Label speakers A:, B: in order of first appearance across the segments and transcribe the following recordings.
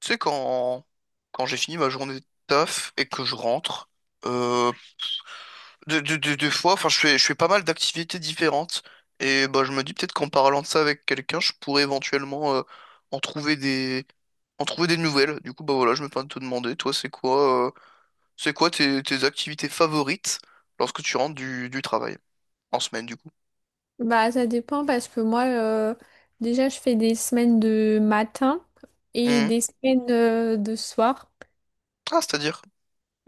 A: Tu sais, quand j'ai fini ma journée de taf et que je rentre, euh, des fois, enfin, je fais pas mal d'activités différentes. Et bah, je me dis peut-être qu'en parlant de ça avec quelqu'un, je pourrais éventuellement en trouver en trouver des nouvelles. Du coup, bah voilà, je me permets de te demander, toi, c'est quoi tes activités favorites lorsque tu rentres du travail? En semaine, du coup.
B: Bah, ça dépend parce que moi, déjà, je fais des semaines de matin et
A: Mhm.
B: des semaines de soir.
A: Ah, c'est-à-dire?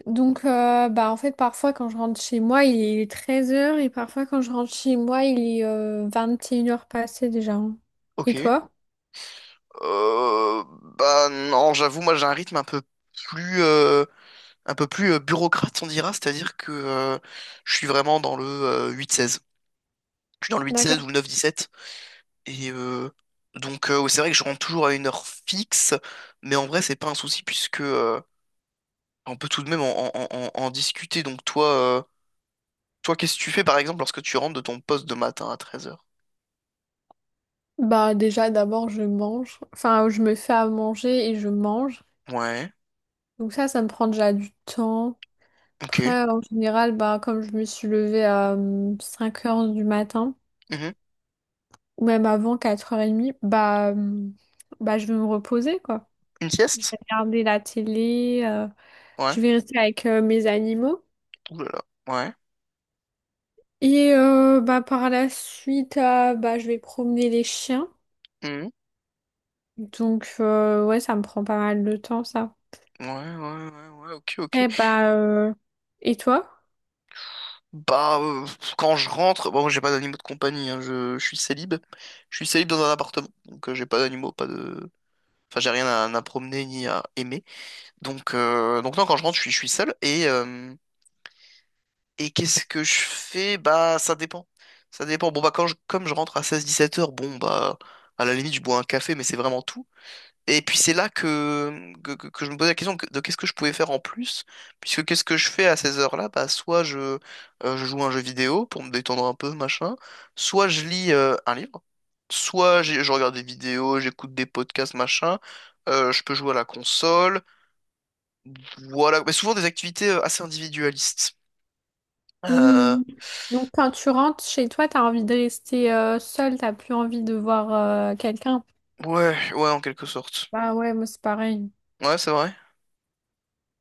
B: Donc, en fait, parfois, quand je rentre chez moi, il est 13 heures et parfois, quand je rentre chez moi, il est 21 heures passées déjà, hein. Et
A: Ok.
B: toi?
A: Euh, Bah non, j'avoue, moi j'ai un rythme un peu plus. Un peu plus bureaucrate, on dira, c'est-à-dire que je suis vraiment dans le 8-16. Je suis dans le huit seize
B: D'accord.
A: ou le dix sept. Et donc, ouais, c'est vrai que je rentre toujours à une heure fixe, mais en vrai, c'est pas un souci puisque on peut tout de même en discuter. Donc, toi, toi, qu'est-ce que tu fais par exemple lorsque tu rentres de ton poste de matin à 13 heures?
B: Bah, déjà, d'abord, je mange. Enfin, je me fais à manger et je mange.
A: Ouais,
B: Donc, ça me prend déjà du temps.
A: ok.
B: Après, en général, bah, comme je me suis levée à 5 heures du matin.
A: Mhm.
B: Ou même avant 4h30, bah je vais me reposer, quoi.
A: Une
B: Je
A: sieste?
B: vais regarder la télé,
A: Ouais.
B: je vais rester avec mes animaux.
A: Ouh là là. Ouais.
B: Et par la suite, bah, je vais promener les chiens.
A: Mhm.
B: Donc, ouais, ça me prend pas mal de temps, ça.
A: Ouais, ouais, ouais, ouais, ok, ok.
B: Et, et toi?
A: Bah, quand je rentre, bon, j'ai pas d'animaux de compagnie, hein, je suis célib. Je suis célib dans un appartement, donc j'ai pas d'animaux, pas de... Enfin, j'ai rien à promener ni à aimer. Donc non, quand je rentre, je suis seul. Et qu'est-ce que je fais? Bah, ça dépend. Ça dépend. Bon, bah, comme je rentre à 16-17 heures, bon, bah, à la limite, je bois un café, mais c'est vraiment tout. Et puis c'est là que je me posais la question de qu'est-ce que je pouvais faire en plus, puisque qu'est-ce que je fais à ces heures-là? Bah, soit je joue à un jeu vidéo pour me détendre un peu, machin, soit je lis un livre, je regarde des vidéos, j'écoute des podcasts, machin, je peux jouer à la console, voilà, mais souvent des activités assez individualistes. Euh,
B: Hum. Donc, quand tu rentres chez toi, t'as envie de rester seule, t'as plus envie de voir quelqu'un.
A: ouais, ouais, en quelque sorte.
B: Bah ouais, moi c'est pareil.
A: Ouais, c'est vrai.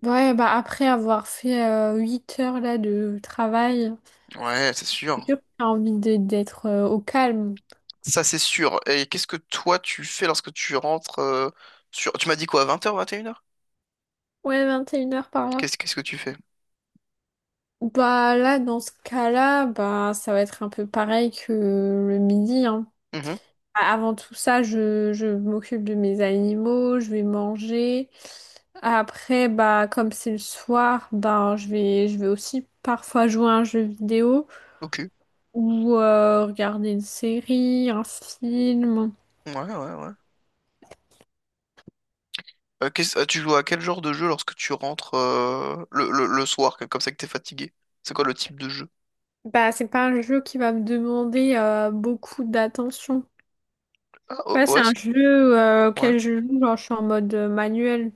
B: Ouais, bah après avoir fait 8 heures là de travail,
A: Ouais, c'est
B: c'est
A: sûr.
B: sûr que t'as envie d'être au calme.
A: Ça, c'est sûr. Et qu'est-ce que toi, tu fais lorsque tu rentres sur... Tu m'as dit quoi, 20 heures, 21 heures
B: Ouais, 21 heures par là.
A: Qu'est-ce que tu fais?
B: Bah là, dans ce cas-là, bah ça va être un peu pareil que le midi, hein.
A: Mhm.
B: Avant tout ça, je m'occupe de mes animaux, je vais manger. Après, bah comme c'est le soir, je vais aussi parfois jouer à un jeu vidéo
A: Ok.
B: ou regarder une série, un film.
A: Ouais, ouais, ouais. Tu joues à quel genre de jeu lorsque tu rentres le soir, comme ça que t'es fatigué? C'est quoi le type de jeu?
B: Bah, c'est pas un jeu qui va me demander beaucoup d'attention.
A: Ah,
B: Ouais, c'est un
A: OS?
B: jeu
A: Ouais.
B: auquel je joue, genre je suis en mode manuel.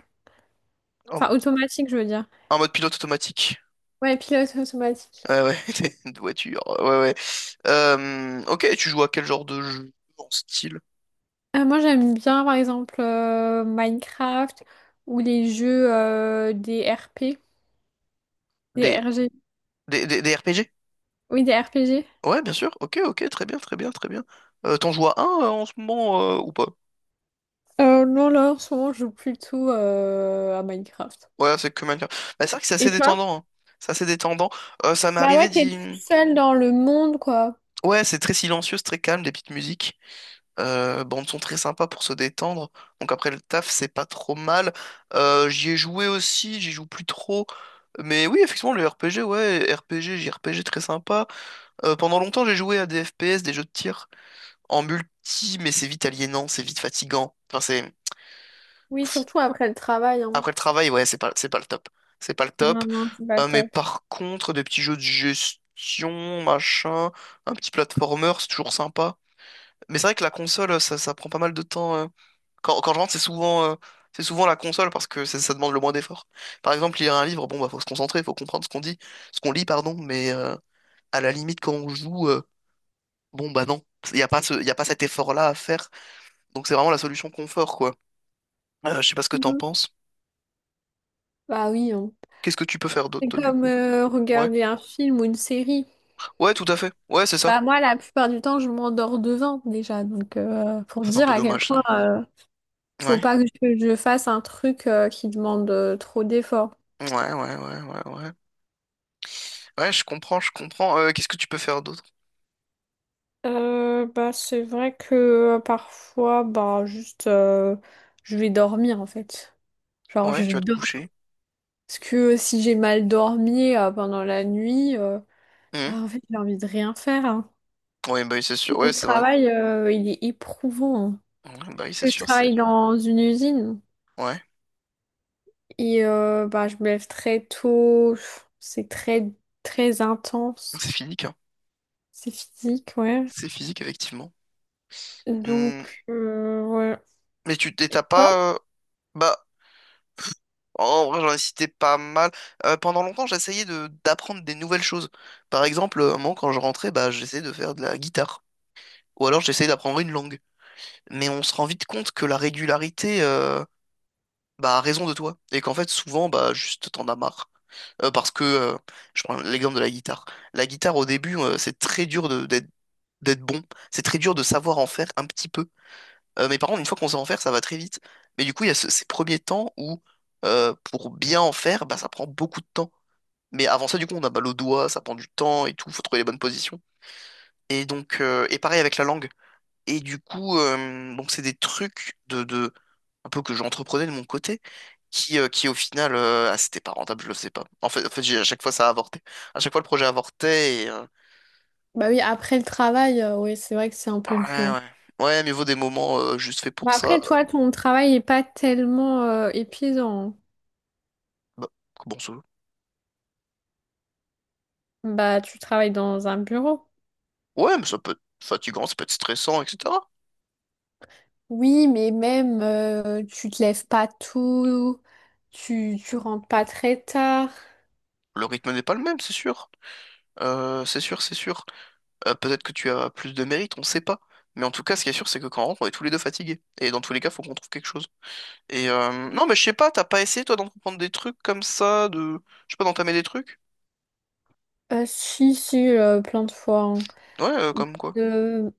A: En,
B: Enfin, automatique, je veux dire.
A: en mode pilote automatique.
B: Ouais, pilote automatique.
A: Ouais, ouais. T'es une voiture. Ouais, ouais. Ok, tu joues à quel genre de jeu en style?
B: Moi, j'aime bien, par exemple, Minecraft ou les jeux des RP, des
A: Des,
B: RG.
A: des RPG?
B: Oui, des RPG.
A: Ouais, bien sûr. Ok, ok, très bien, très bien, très bien. T'en joues à un en ce moment ou pas?
B: Non, là, en ce moment, je joue plutôt à Minecraft.
A: Ouais, c'est que Minecraft. Bah, c'est vrai que c'est
B: Et
A: assez
B: toi?
A: détendant, hein. C'est assez détendant. Ça m'est
B: Bah ouais,
A: arrivé
B: t'es
A: d'y...
B: tout seul dans le monde, quoi.
A: Ouais, c'est très silencieux, c'est très calme, des petites musiques. Bandes sont très sympas pour se détendre. Donc après le taf, c'est pas trop mal. J'y ai joué aussi, j'y joue plus trop. Mais oui, effectivement, le RPG, ouais, RPG, JRPG, très sympa. Pendant longtemps, j'ai joué à des FPS, des jeux de tir en multi, mais c'est vite aliénant, c'est vite fatigant. Enfin, c'est...
B: Oui, surtout après le travail, hein.
A: Après le travail, ouais, c'est pas le top. C'est pas le top.
B: Non, non, c'est pas
A: Mais
B: top.
A: par contre, des petits jeux de gestion, machin, un petit platformer, c'est toujours sympa. Mais c'est vrai que la console, ça prend pas mal de temps. Quand je rentre, c'est souvent la console parce que ça demande le moins d'effort. Par exemple, lire un livre, bon, bah, faut se concentrer, faut comprendre ce qu'on dit, ce qu'on lit, pardon, mais à la limite, quand on joue, bon, bah non, il n'y a pas y a pas cet effort-là à faire. Donc c'est vraiment la solution confort, quoi. Je sais pas ce que t'en penses.
B: Bah oui, hein.
A: Qu'est-ce que tu peux faire d'autre,
B: C'est
A: toi, du
B: comme
A: coup? Ouais.
B: regarder un film ou une série.
A: Ouais, tout à fait. Ouais, c'est ça.
B: Bah moi, la plupart du temps, je m'endors devant déjà. Donc, pour
A: C'est un
B: dire
A: peu
B: à quel
A: dommage,
B: point
A: ça.
B: faut
A: Ouais.
B: pas que je fasse un truc qui demande trop d'efforts.
A: Ouais, ouais, ouais, ouais, ouais. Ouais, je comprends, je comprends. Qu'est-ce que tu peux faire d'autre?
B: C'est vrai que parfois, je vais dormir en fait. Genre,
A: Ouais,
B: je
A: tu vas te
B: dors.
A: coucher.
B: Parce que si j'ai mal dormi pendant la nuit,
A: Mhm.
B: bah, en fait, j'ai envie de rien faire, hein.
A: Ouais, bah oui, c'est sûr. Ouais,
B: Mon
A: c'est vrai.
B: travail, il est éprouvant, hein.
A: Ouais, bah oui, c'est
B: Parce que je
A: sûr, c'est...
B: travaille dans une usine
A: Ouais.
B: et bah, je me lève très tôt. C'est très intense.
A: C'est physique, hein.
B: C'est physique, ouais.
A: C'est physique, effectivement. Hmm.
B: Donc, ouais.
A: Mais tu et t'as
B: Quoi?
A: pas... euh, Bah, en vrai, j'en ai cité pas mal. Pendant longtemps, j'essayais de d'apprendre des nouvelles choses. Par exemple, à un moment, quand je rentrais, bah, j'essayais de faire de la guitare. Ou alors, j'essayais d'apprendre une langue. Mais on se rend vite compte que la régularité bah, a raison de toi. Et qu'en fait, souvent, bah, juste, t'en as marre. Parce que, je prends l'exemple de la guitare. La guitare, au début, c'est très dur d'être bon. C'est très dur de savoir en faire un petit peu. Mais par contre, une fois qu'on sait en faire, ça va très vite. Mais du coup, il y a ces premiers temps où, pour bien en faire, bah, ça prend beaucoup de temps. Mais avant ça, du coup, on a mal au doigt, ça prend du temps et tout, faut trouver les bonnes positions. Et donc, et pareil avec la langue. Et du coup, donc c'est des trucs de un peu que j'entreprenais de mon côté, qui au final, c'était pas rentable, je le sais pas. En fait, à chaque fois, ça a avorté. À chaque fois, le projet avortait et,
B: Bah oui, après le travail, oui, c'est vrai que c'est un peu
A: ouais,
B: dur.
A: ouais. Ouais, mais vaut des moments juste faits pour
B: Bah
A: ça.
B: après, toi, ton travail est pas tellement épuisant.
A: Bah, comment ça?
B: Bah, tu travailles dans un bureau.
A: Ouais, mais ça peut être fatigant, ça peut être stressant, etc.
B: Oui, mais même tu te lèves pas tôt, tu rentres pas très tard.
A: Le rythme n'est pas le même, c'est sûr. C'est sûr, c'est sûr. Peut-être que tu as plus de mérite, on sait pas. Mais en tout cas, ce qui est sûr, c'est que quand on rentre, on est tous les deux fatigués. Et dans tous les cas, faut qu'on trouve quelque chose. Et non, mais je sais pas, t'as pas essayé, toi, d'entreprendre des trucs comme ça, de... Je sais pas, d'entamer des trucs?
B: Si, si, plein de fois.
A: Ouais, comme quoi.
B: Euh,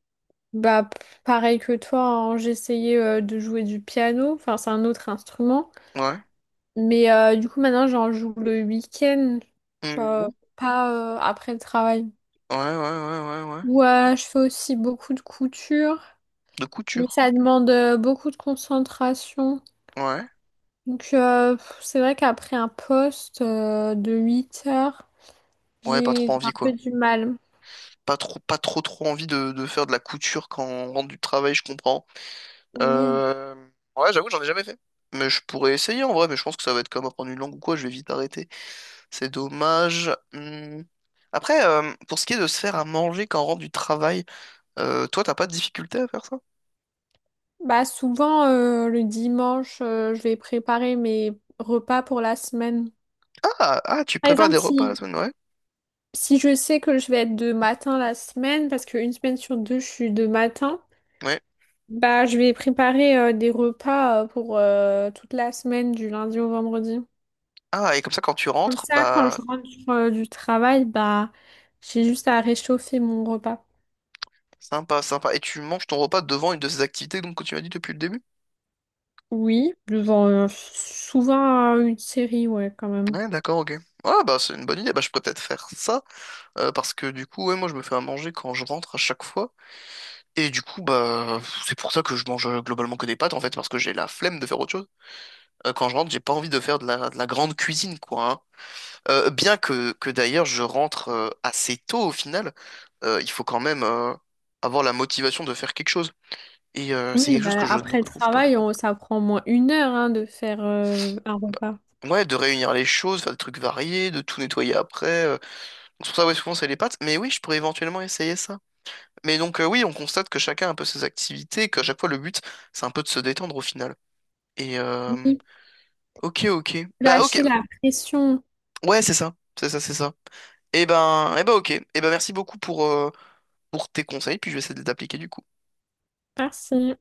B: bah, p- Pareil que toi, hein, j'essayais de jouer du piano, enfin c'est un autre instrument,
A: Ouais.
B: mais du coup maintenant j'en joue le week-end, genre
A: Mhm.
B: pas après le travail.
A: Ouais, ouais, ouais, ouais, ouais.
B: Ouais, je fais aussi beaucoup de couture,
A: De
B: mais
A: couture.
B: ça demande beaucoup de concentration.
A: Ouais.
B: Donc c'est vrai qu'après un poste de 8 heures,
A: Ouais, pas trop
B: j'ai un
A: envie,
B: peu
A: quoi.
B: du mal.
A: Pas trop, trop envie de faire de la couture quand on rentre du travail, je comprends.
B: Oui.
A: Euh... Ouais, j'avoue, j'en ai jamais fait. Mais je pourrais essayer en vrai, mais je pense que ça va être comme apprendre une langue ou quoi, je vais vite arrêter. C'est dommage. Hmm. Après, pour ce qui est de se faire à manger quand on rentre du travail, toi, t'as pas de difficulté à faire ça?
B: Bah souvent le dimanche, je vais préparer mes repas pour la semaine.
A: Ah, ah, tu
B: Par
A: prépares des
B: exemple,
A: repas la semaine, ouais.
B: si je sais que je vais être de matin la semaine, parce qu'une semaine sur deux, je suis de matin,
A: Ouais.
B: bah je vais préparer des repas pour toute la semaine, du lundi au vendredi.
A: Ah, et comme ça, quand tu
B: Comme
A: rentres,
B: ça, quand
A: bah,
B: je rentre du travail, bah j'ai juste à réchauffer mon repas.
A: sympa, sympa. Et tu manges ton repas devant une de ces activités donc, que tu m'as dit depuis le début?
B: Oui, devant souvent une série, ouais, quand même.
A: Ouais, d'accord, ok. Ah, bah, c'est une bonne idée. Bah, je pourrais peut-être faire ça, parce que du coup, ouais, moi, je me fais à manger quand je rentre à chaque fois. Et du coup, bah, c'est pour ça que je mange globalement que des pâtes, en fait, parce que j'ai la flemme de faire autre chose. Quand je rentre, j'ai pas envie de faire de de la grande cuisine, quoi, hein. Bien que d'ailleurs, je rentre assez tôt au final, il faut quand même avoir la motivation de faire quelque chose. Et c'est
B: Oui,
A: quelque chose que
B: bah,
A: je ne
B: après le
A: retrouve pas.
B: travail, on- ça prend au moins une heure hein, de faire un
A: Bah,
B: repas.
A: ouais, de réunir les choses, faire des trucs variés, de tout nettoyer après. Donc, c'est pour ça, ouais, souvent, c'est les pâtes. Mais oui, je pourrais éventuellement essayer ça. Mais donc, oui, on constate que chacun a un peu ses activités, qu'à chaque fois, le but, c'est un peu de se détendre au final. Et,
B: Oui,
A: ok, ok. Bah, ok.
B: lâcher la pression.
A: Ouais, c'est ça. C'est ça, c'est ça. Et ben, ok. Et ben, merci beaucoup pour tes conseils, puis je vais essayer de les appliquer du coup.
B: Merci.